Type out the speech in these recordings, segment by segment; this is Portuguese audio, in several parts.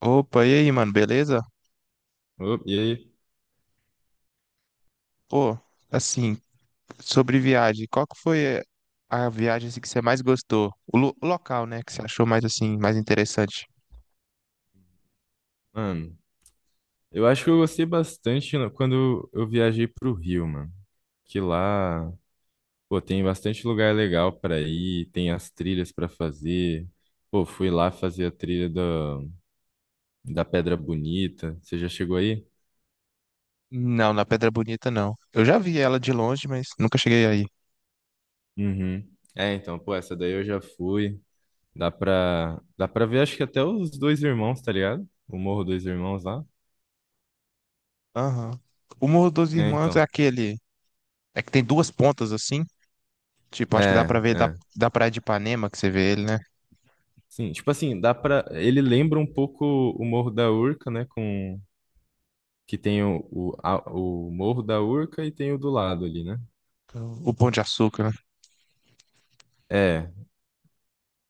Opa, e aí, mano, beleza? Ô, e aí, Pô, assim, sobre viagem, qual que foi a viagem assim, que você mais gostou? O, o local, né, que você achou mais assim, mais interessante? mano, eu acho que eu gostei bastante quando eu viajei pro Rio, mano. Que lá, pô, tem bastante lugar legal pra ir, tem as trilhas pra fazer. Pô, fui lá fazer a trilha da Pedra Bonita. Você já chegou aí? Não, na Pedra Bonita não. Eu já vi ela de longe, mas nunca cheguei aí. Uhum. É, então, pô, essa daí eu já fui. Dá pra ver, acho que até os dois irmãos, tá ligado? O Morro Dois Irmãos lá. Aham. O Morro dos É, Irmãos é então. aquele, é que tem duas pontas assim. Tipo, acho que dá É, pra ver da, é. da Praia de Ipanema que você vê ele, né? Sim, tipo assim, dá pra. Ele lembra um pouco o Morro da Urca, né? Com, que tem o Morro da Urca e tem o do lado ali, né? O Pão de Açúcar, né? É,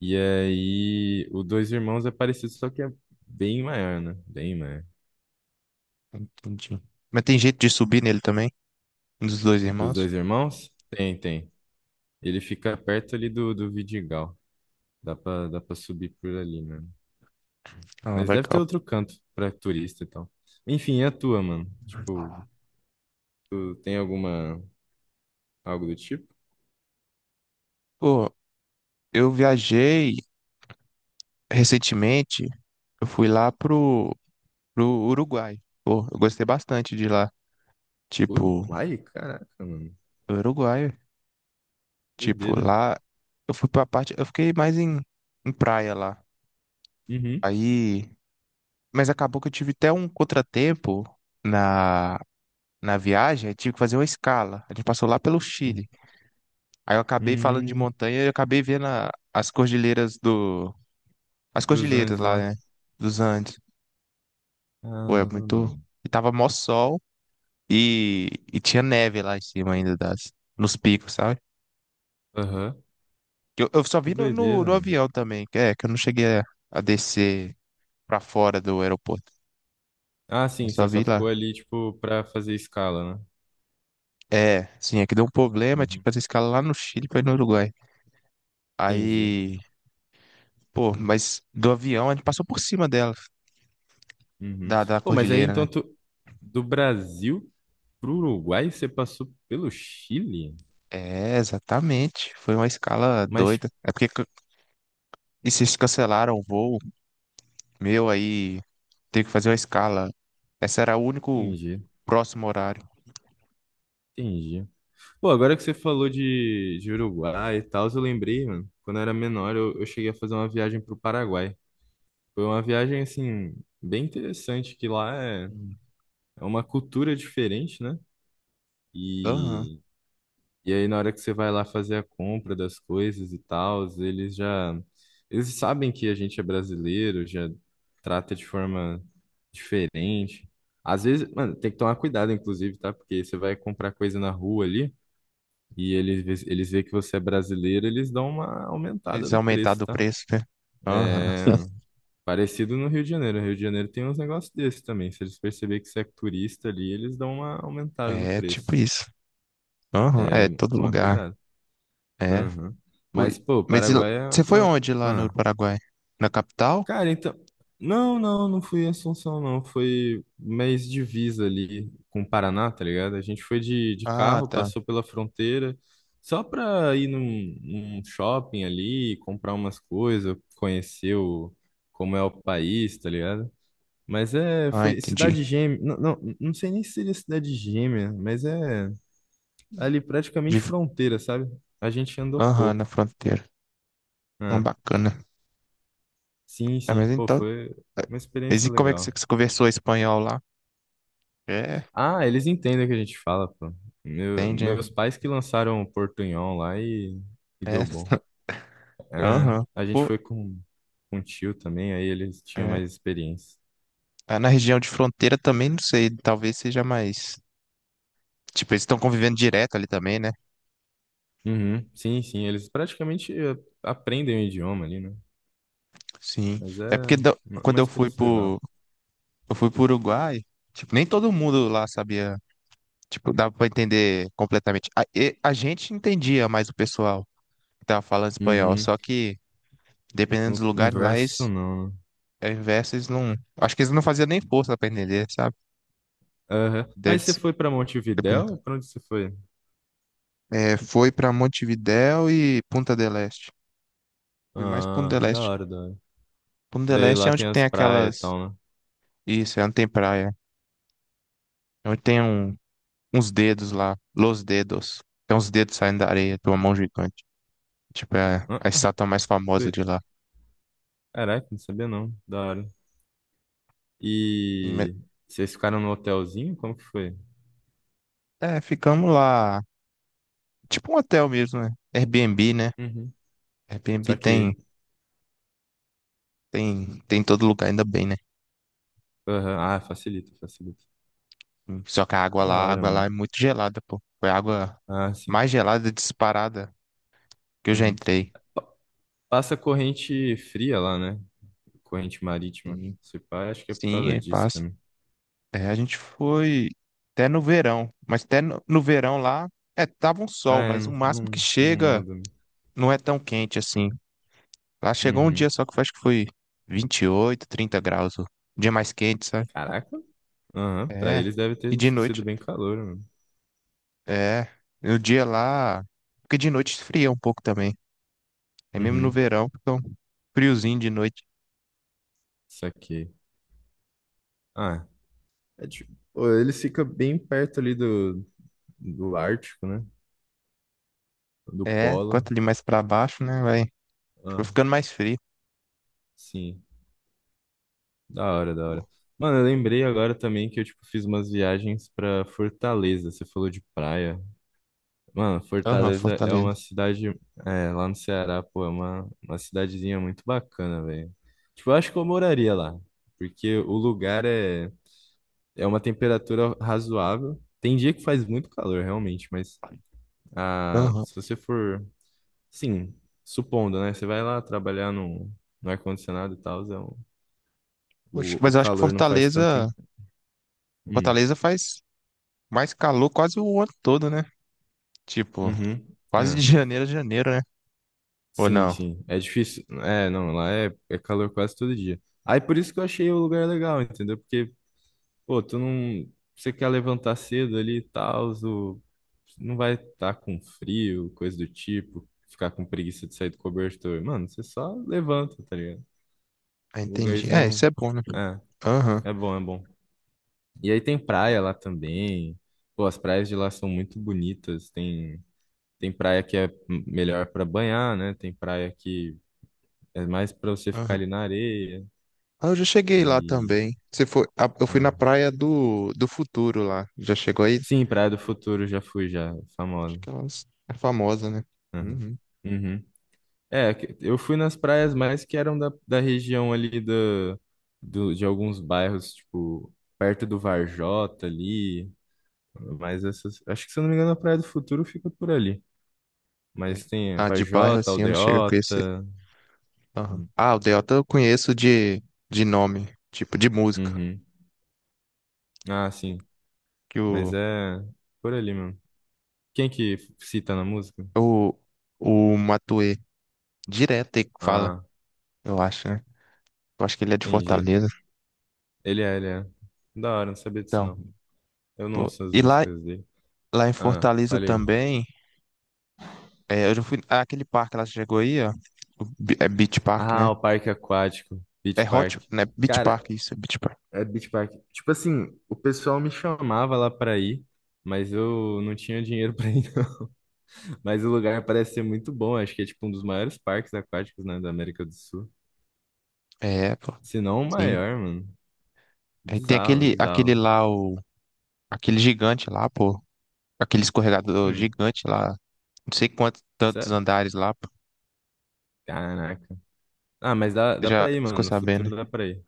e aí o Dois Irmãos é parecido, só que é bem maior, né? Bem maior. Entendi. Mas tem jeito de subir nele também? Um dos dois Dos irmãos? Dois Irmãos? Tem. Ele fica perto ali do Vidigal. Dá pra subir por ali, mano. Ah, Mas deve ter legal. outro canto pra turista e tal. Enfim, é a tua, mano? Tipo, tu tem alguma, algo do tipo? Pô, eu viajei recentemente, eu fui lá pro, Uruguai. Pô, eu gostei bastante de lá. Tipo, Uruguai? Caraca, mano. Uruguai. Tipo, Doideira. lá eu fui pra parte. Eu fiquei mais em, praia lá. Uhum. Aí. Mas acabou que eu tive até um contratempo na, na viagem. Aí tive que fazer uma escala. A gente passou lá pelo Hum, Chile. Aí eu acabei falando de hum. montanha e eu acabei vendo as cordilheiras do. As Dos cordilheiras Andes lá, lá. né? Dos Andes. Pô, é Caramba, muito. mano. E tava mó sol e tinha neve lá em cima ainda nos picos, sabe? Aham. Eu só Que vi no, no, doideira, no mano. avião também, que é que eu não cheguei a descer pra fora do aeroporto. Ah, Eu sim, só você só vi lá. ficou ali, tipo, pra fazer escala, né? É, sim, é que deu um problema, Uhum. tipo, essa escala lá no Chile pra ir no Uruguai. Entendi. Aí, pô, mas do avião a gente passou por cima dela, Uhum. da Pô, mas aí cordilheira, né? então tu, do Brasil pro Uruguai, você passou pelo Chile? É, exatamente. Foi uma escala Mas, tipo, doida. É porque e vocês cancelaram o voo meu aí, teve que fazer uma escala. Essa era o único entendi, próximo horário. entendi. Pô, agora que você falou de Uruguai e tal, eu lembrei, mano, quando eu era menor, eu cheguei a fazer uma viagem pro Paraguai. Foi uma viagem, assim, bem interessante, que lá é, Hum. é uma cultura diferente, né? Aham. E e aí, na hora que você vai lá fazer a compra das coisas e tal, eles já. Eles sabem que a gente é brasileiro, já trata de forma diferente. Às vezes, mano, tem que tomar cuidado, inclusive, tá? Porque você vai comprar coisa na rua ali e eles veem que você é brasileiro, eles dão uma aumentada Eles no preço, aumentaram o tá? preço, né? Aham. É. Parecido no Rio de Janeiro. O Rio de Janeiro tem uns negócios desses também. Se eles perceberem que você é turista ali, eles dão uma aumentada no É tipo preço. isso. Aham, é É, todo tomar lugar. cuidado. É. Aham. Mas, Foi. pô, Mas e Paraguai você foi foi. Onde lá no Ah. Paraguai? Na capital? Cara, então. Não fui em Assunção, não. Foi mês divisa ali com o Paraná, tá ligado? A gente foi de Ah, carro, tá. passou pela fronteira, só pra ir num, num shopping ali, comprar umas coisas, conhecer o, como é o país, tá ligado? Mas é, Ah, foi entendi. cidade gêmea. Não sei nem se seria cidade gêmea, mas é ali De... praticamente fronteira, sabe? A gente andou Aham, na pouco. fronteira. Ah, É. bacana. Sim, Ah, sim, mas pô, então. foi É, uma mas experiência e como é que você legal. você conversou espanhol lá? É, Ah, eles entendem o que a gente fala, pô. Entende, né? Meus pais que lançaram o Portunhol lá e É. deu bom. É, Aham. a gente Pô, foi com o tio também, aí eles tinham é. mais experiência. Ah, na região de fronteira também, não sei. Talvez seja mais. Tipo, eles estão convivendo direto ali também, né? Uhum, sim, sim, eles praticamente aprendem o idioma ali, né? Sim. Mas é É porque quando uma eu fui experiência legal. pro. Eu fui pro Uruguai, tipo, nem todo mundo lá sabia. Tipo, dava pra entender completamente. A a gente entendia mais o pessoal que tava falando espanhol, Uhum, só que dependendo o dos lugares lá, inverso eles, não, né? ao invés, eles não. Acho que eles não faziam nem força pra entender, sabe? Aham. Deve Mas você ser. foi pra Montevidéu Dependendo. ou pra onde você foi? É, foi pra Montevidéu e Punta del Este. Fui mais Punta Ah, del da Este. hora, da hora. Punta del Daí Este é lá onde tem as tem praias aquelas. e tal, Isso, é onde tem praia. É onde tem uns dedos lá. Los dedos. Tem uns dedos saindo da areia, de uma mão gigante. Tipo, é né? a estátua mais famosa de Doido. lá. Caraca, não sabia não. Da hora. E me- E vocês ficaram no hotelzinho? Como que foi? É, ficamos lá. Tipo um hotel mesmo, né? Airbnb, né? Uhum. Airbnb Só tem, que. tem, tem em todo lugar, ainda bem, né? Aham, ah, facilita, facilita. Só que a água Da lá, a hora, água lá mano. é muito gelada, pô. Foi a água Ah, sim. mais gelada disparada que eu já Uhum. entrei. Pa- Passa corrente fria lá, né? Corrente marítima. Sim, Se pá, acho que é por sim, causa é disso passa. também. É, a gente foi até no verão, mas até no, no, verão lá, é, tava um Ah, sol, é, mas o máximo que não chega muda, né? não é tão quente assim. Lá chegou um dia Uhum. só que eu acho que foi 28, 30 graus, o dia mais quente, sabe? Caraca. Aham, pra É, eles deve e ter de sido noite. bem calor, mano. É, o dia lá, porque de noite esfria um pouco também. É mesmo no Uhum. verão, fica um friozinho de noite. Saquei. Ah, é tipo, pô, eles ficam bem perto ali do Ártico, né? Do É, Polo. quanto ali mais pra baixo, né, vai, tipo, Ah, ficando mais frio. sim. Da hora, da hora. Pô. Mano, eu lembrei agora também que eu, tipo, fiz umas viagens pra Fortaleza. Você falou de praia. Mano, Aham, Fortaleza é uma Fortaleza. cidade, é, lá no Ceará, pô, é uma cidadezinha muito bacana, velho. Tipo, eu acho que eu moraria lá, porque o lugar é, é uma temperatura razoável. Tem dia que faz muito calor, realmente, mas ah, Aham. se você for, sim, supondo, né? Você vai lá trabalhar no ar-condicionado e tal, é um Poxa, O, mas o eu acho que calor não faz tanto. Fortaleza, Hum, Fortaleza faz mais calor quase o ano todo, né? Tipo, uhum, quase é. de janeiro a janeiro, né? Ou Sim, não? sim. É difícil. É, não, lá é, é calor quase todo dia. Aí por isso que eu achei o lugar legal, entendeu? Porque, pô, tu não. Você quer levantar cedo ali e tal, não vai estar com frio, coisa do tipo, ficar com preguiça de sair do cobertor. Mano, você só levanta, tá ligado? Ah, Um entendi. É, lugarzinho. isso é bom, né? É, Aham, é bom, é bom. E aí tem praia lá também. Pô, as praias de lá são muito bonitas. Tem. Tem praia que é melhor para banhar, né? Tem praia que é mais para você ficar aham. ali na areia Ah, eu já cheguei lá e também. Você foi, ah, eu fui na ah. Praia do, Futuro lá. Já chegou aí? Sim, Praia do Futuro já fui já, Acho famosa. que ela é famosa, né? Aham. Uhum. Uhum. É, eu fui nas praias mais que eram da região ali de alguns bairros, tipo, perto do Varjota ali, mas essas, acho que se eu não me engano a Praia do Futuro fica por ali, É. mas tem a Ah, de bairro Varjota, assim eu não chego a conhecer. Aldeota, Aham. Ah, o Delta eu conheço de nome, tipo de música. uhum. Ah, sim, Que mas é por ali mesmo. Quem que cita na música? o, o Matuê direto ele fala, Ah, eu acho, né? Eu acho que ele é de entendi. Fortaleza. Ele é. Da hora, não sabia disso Então, não. Eu não pô, ouço as e lá, músicas dele. lá em Ah, Fortaleza falei. também, é, eu já fui. Ah, aquele parque lá, você chegou aí, ó. É Beach Park, Ah, né? o parque aquático, É Beach Hot, Park. né? Beach Cara, Park, isso, é Beach Park. é Beach Park. Tipo assim, o pessoal me chamava lá pra ir, mas eu não tinha dinheiro pra ir, não. Mas o lugar parece ser muito bom. Acho que é tipo um dos maiores parques aquáticos, né, da América do Sul. É, pô. Se não o Sim. maior, mano. Aí tem Bizarro, aquele bizarro. lá, aquele gigante lá, pô. Aquele escorregador Hum, gigante lá. Não sei quantos tantos sério? andares lá, pô. Caraca. Ah, mas Você dá já pra ir, mano. ficou No sabendo, futuro né? dá pra ir.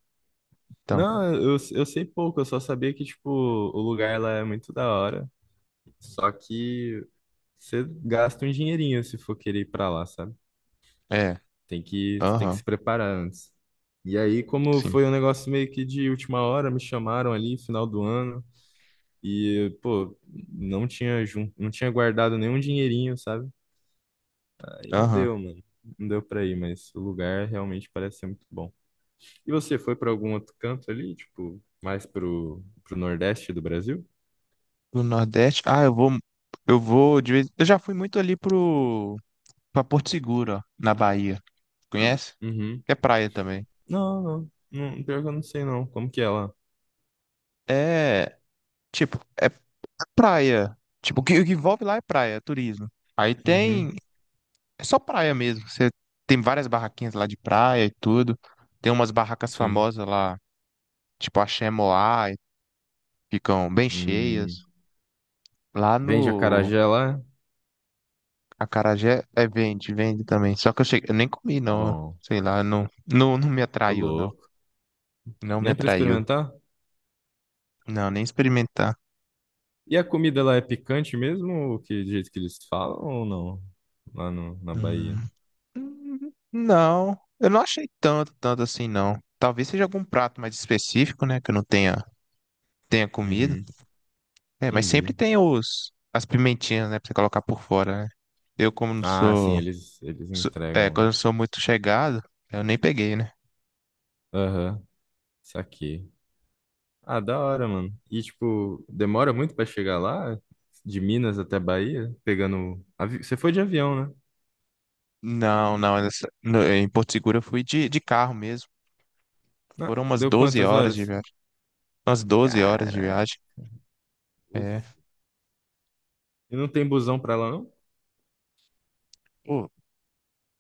Então, Não, eu sei pouco, eu só sabia que, tipo, o lugar lá é muito da hora. Só que você gasta um dinheirinho se for querer ir pra lá, sabe? é. Tem que se Aham, preparar antes. E aí, como sim. foi um negócio meio que de última hora, me chamaram ali, final do ano, e, pô, não tinha, não tinha guardado nenhum dinheirinho, sabe? Aí não Aham. deu, mano. Não deu pra ir, mas o lugar realmente parece ser muito bom. E você foi pra algum outro canto ali, tipo, mais pro Nordeste do Brasil? Do Nordeste. Ah, eu vou. Eu vou de vez. Eu já fui muito ali pro. Pra Porto Seguro, ó, na Bahia. Conhece? Uhum. É praia também. Não. Pior que eu não sei, não. Como que é lá? É. Tipo, é praia. Tipo, o que envolve lá é praia, é turismo. Aí Uhum. tem É só praia mesmo. Você tem várias barraquinhas lá de praia e tudo. Tem umas barracas Sim. famosas lá, tipo a Moá, e ficam bem cheias. Hum. Lá Vende no acarajé lá? Acarajé é vende também. Só que eu cheguei, eu nem comi não, Bom, sei lá, não, não, não me ô atraiu não. louco. Não me Nem pra atraiu. experimentar? Não, nem experimentar. E a comida lá é picante mesmo? Ou que, do jeito que eles falam ou não? Lá no, na Bahia. Hum. Não, eu não achei tanto, tanto assim não. Talvez seja algum prato mais específico, né, que eu não tenha comido. Uhum. É, mas sempre Entendi. tem as pimentinhas, né, pra você colocar por fora, né? Eu, como não Ah, sim, sou, eles sou- é, entregam quando lá. eu não sou muito chegado, eu nem peguei, né? Aham, saquei. Ah, da hora, mano. E, tipo, demora muito pra chegar lá? De Minas até Bahia? Pegando. Você foi de avião, né? Não, não, em Porto Seguro eu fui de, carro mesmo. Ah, Foram umas deu 12 quantas horas de horas? viagem. Umas doze horas de Caralho. viagem. É. E não tem busão pra lá, não? Pô,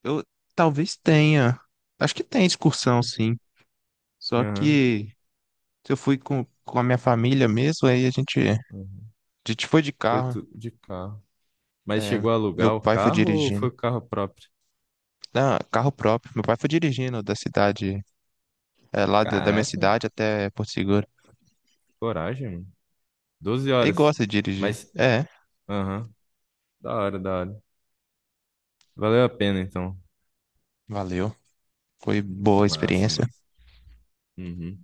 eu talvez tenha. Acho que tem excursão, sim. Só Aham. que se eu fui com a minha família mesmo, aí a gente, a Aham. gente foi de Foi carro. tudo de carro. Mas É, chegou a meu alugar o pai foi carro ou dirigindo. foi o carro próprio? Não, carro próprio. Meu pai foi dirigindo da cidade lá da, minha Caraca, cidade até Porto Seguro. coragem, mano. 12 Ele horas. gosta de dirigir. Mas, É, aham, da hora, da hora. Valeu a pena, então. valeu. Foi boa a Massa, experiência. massa. Uhum.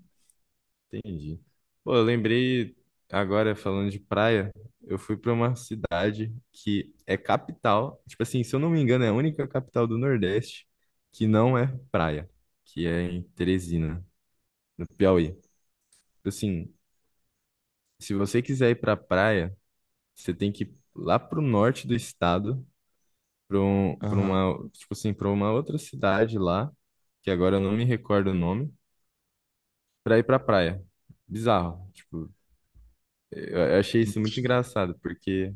Entendi. Pô, eu lembrei agora falando de praia, eu fui pra uma cidade que é capital, tipo assim, se eu não me engano, é a única capital do Nordeste que não é praia, que é em Teresina, no Piauí. Tipo assim, se você quiser ir pra praia, você tem que ir lá pro norte do estado, pra um, pra Aham. uma, tipo assim, para uma outra cidade lá, que agora eu não me recordo o nome, pra ir pra praia. Bizarro, tipo eu achei isso muito engraçado, porque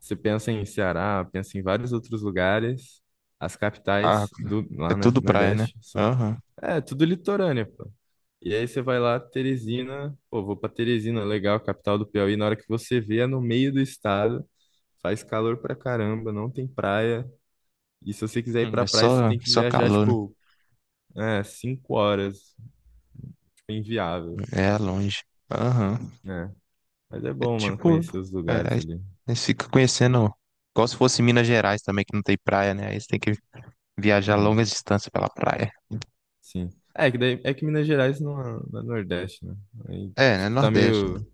você pensa em Ceará, pensa em vários outros lugares, as Ah, capitais do é lá, né, tudo praia, né? Nordeste, são, Aham. é tudo litorânea, pô. E aí você vai lá, Teresina, pô, vou pra Teresina, legal, capital do Piauí, na hora que você vê, é no meio do estado, faz calor pra caramba, não tem praia, e se você quiser ir pra é praia, você só, tem que só viajar, calor, né? tipo, é, 5 horas, tipo, inviável, É longe. Aham. né? Mas é É bom, mano, tipo. conhecer os É, lugares aí ali. eles ficam conhecendo. Igual se fosse Minas Gerais também, que não tem praia, né? Aí você tem que viajar longas distâncias pela praia. Sim. É que, daí, é que Minas Gerais não é, não é Nordeste, né? Aí, É, né? tipo, tá Nordeste, né? meio,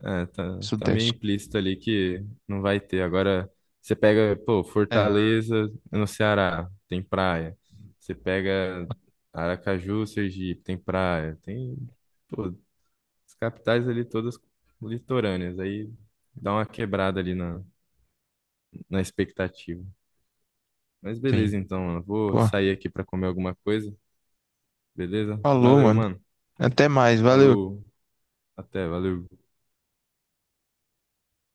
é, tá meio Sudeste. implícito ali que não vai ter. Agora, você pega, pô, É, Fortaleza é no Ceará, tem praia. Você pega Aracaju, Sergipe, tem praia. Tem, pô, as capitais ali todas litorâneas. Aí dá uma quebrada ali na expectativa. Mas sim. beleza, então, mano. Vou Pô, sair aqui pra comer alguma coisa, beleza? falou, Valeu, mano. mano. Até mais, valeu. Falou. Até, valeu.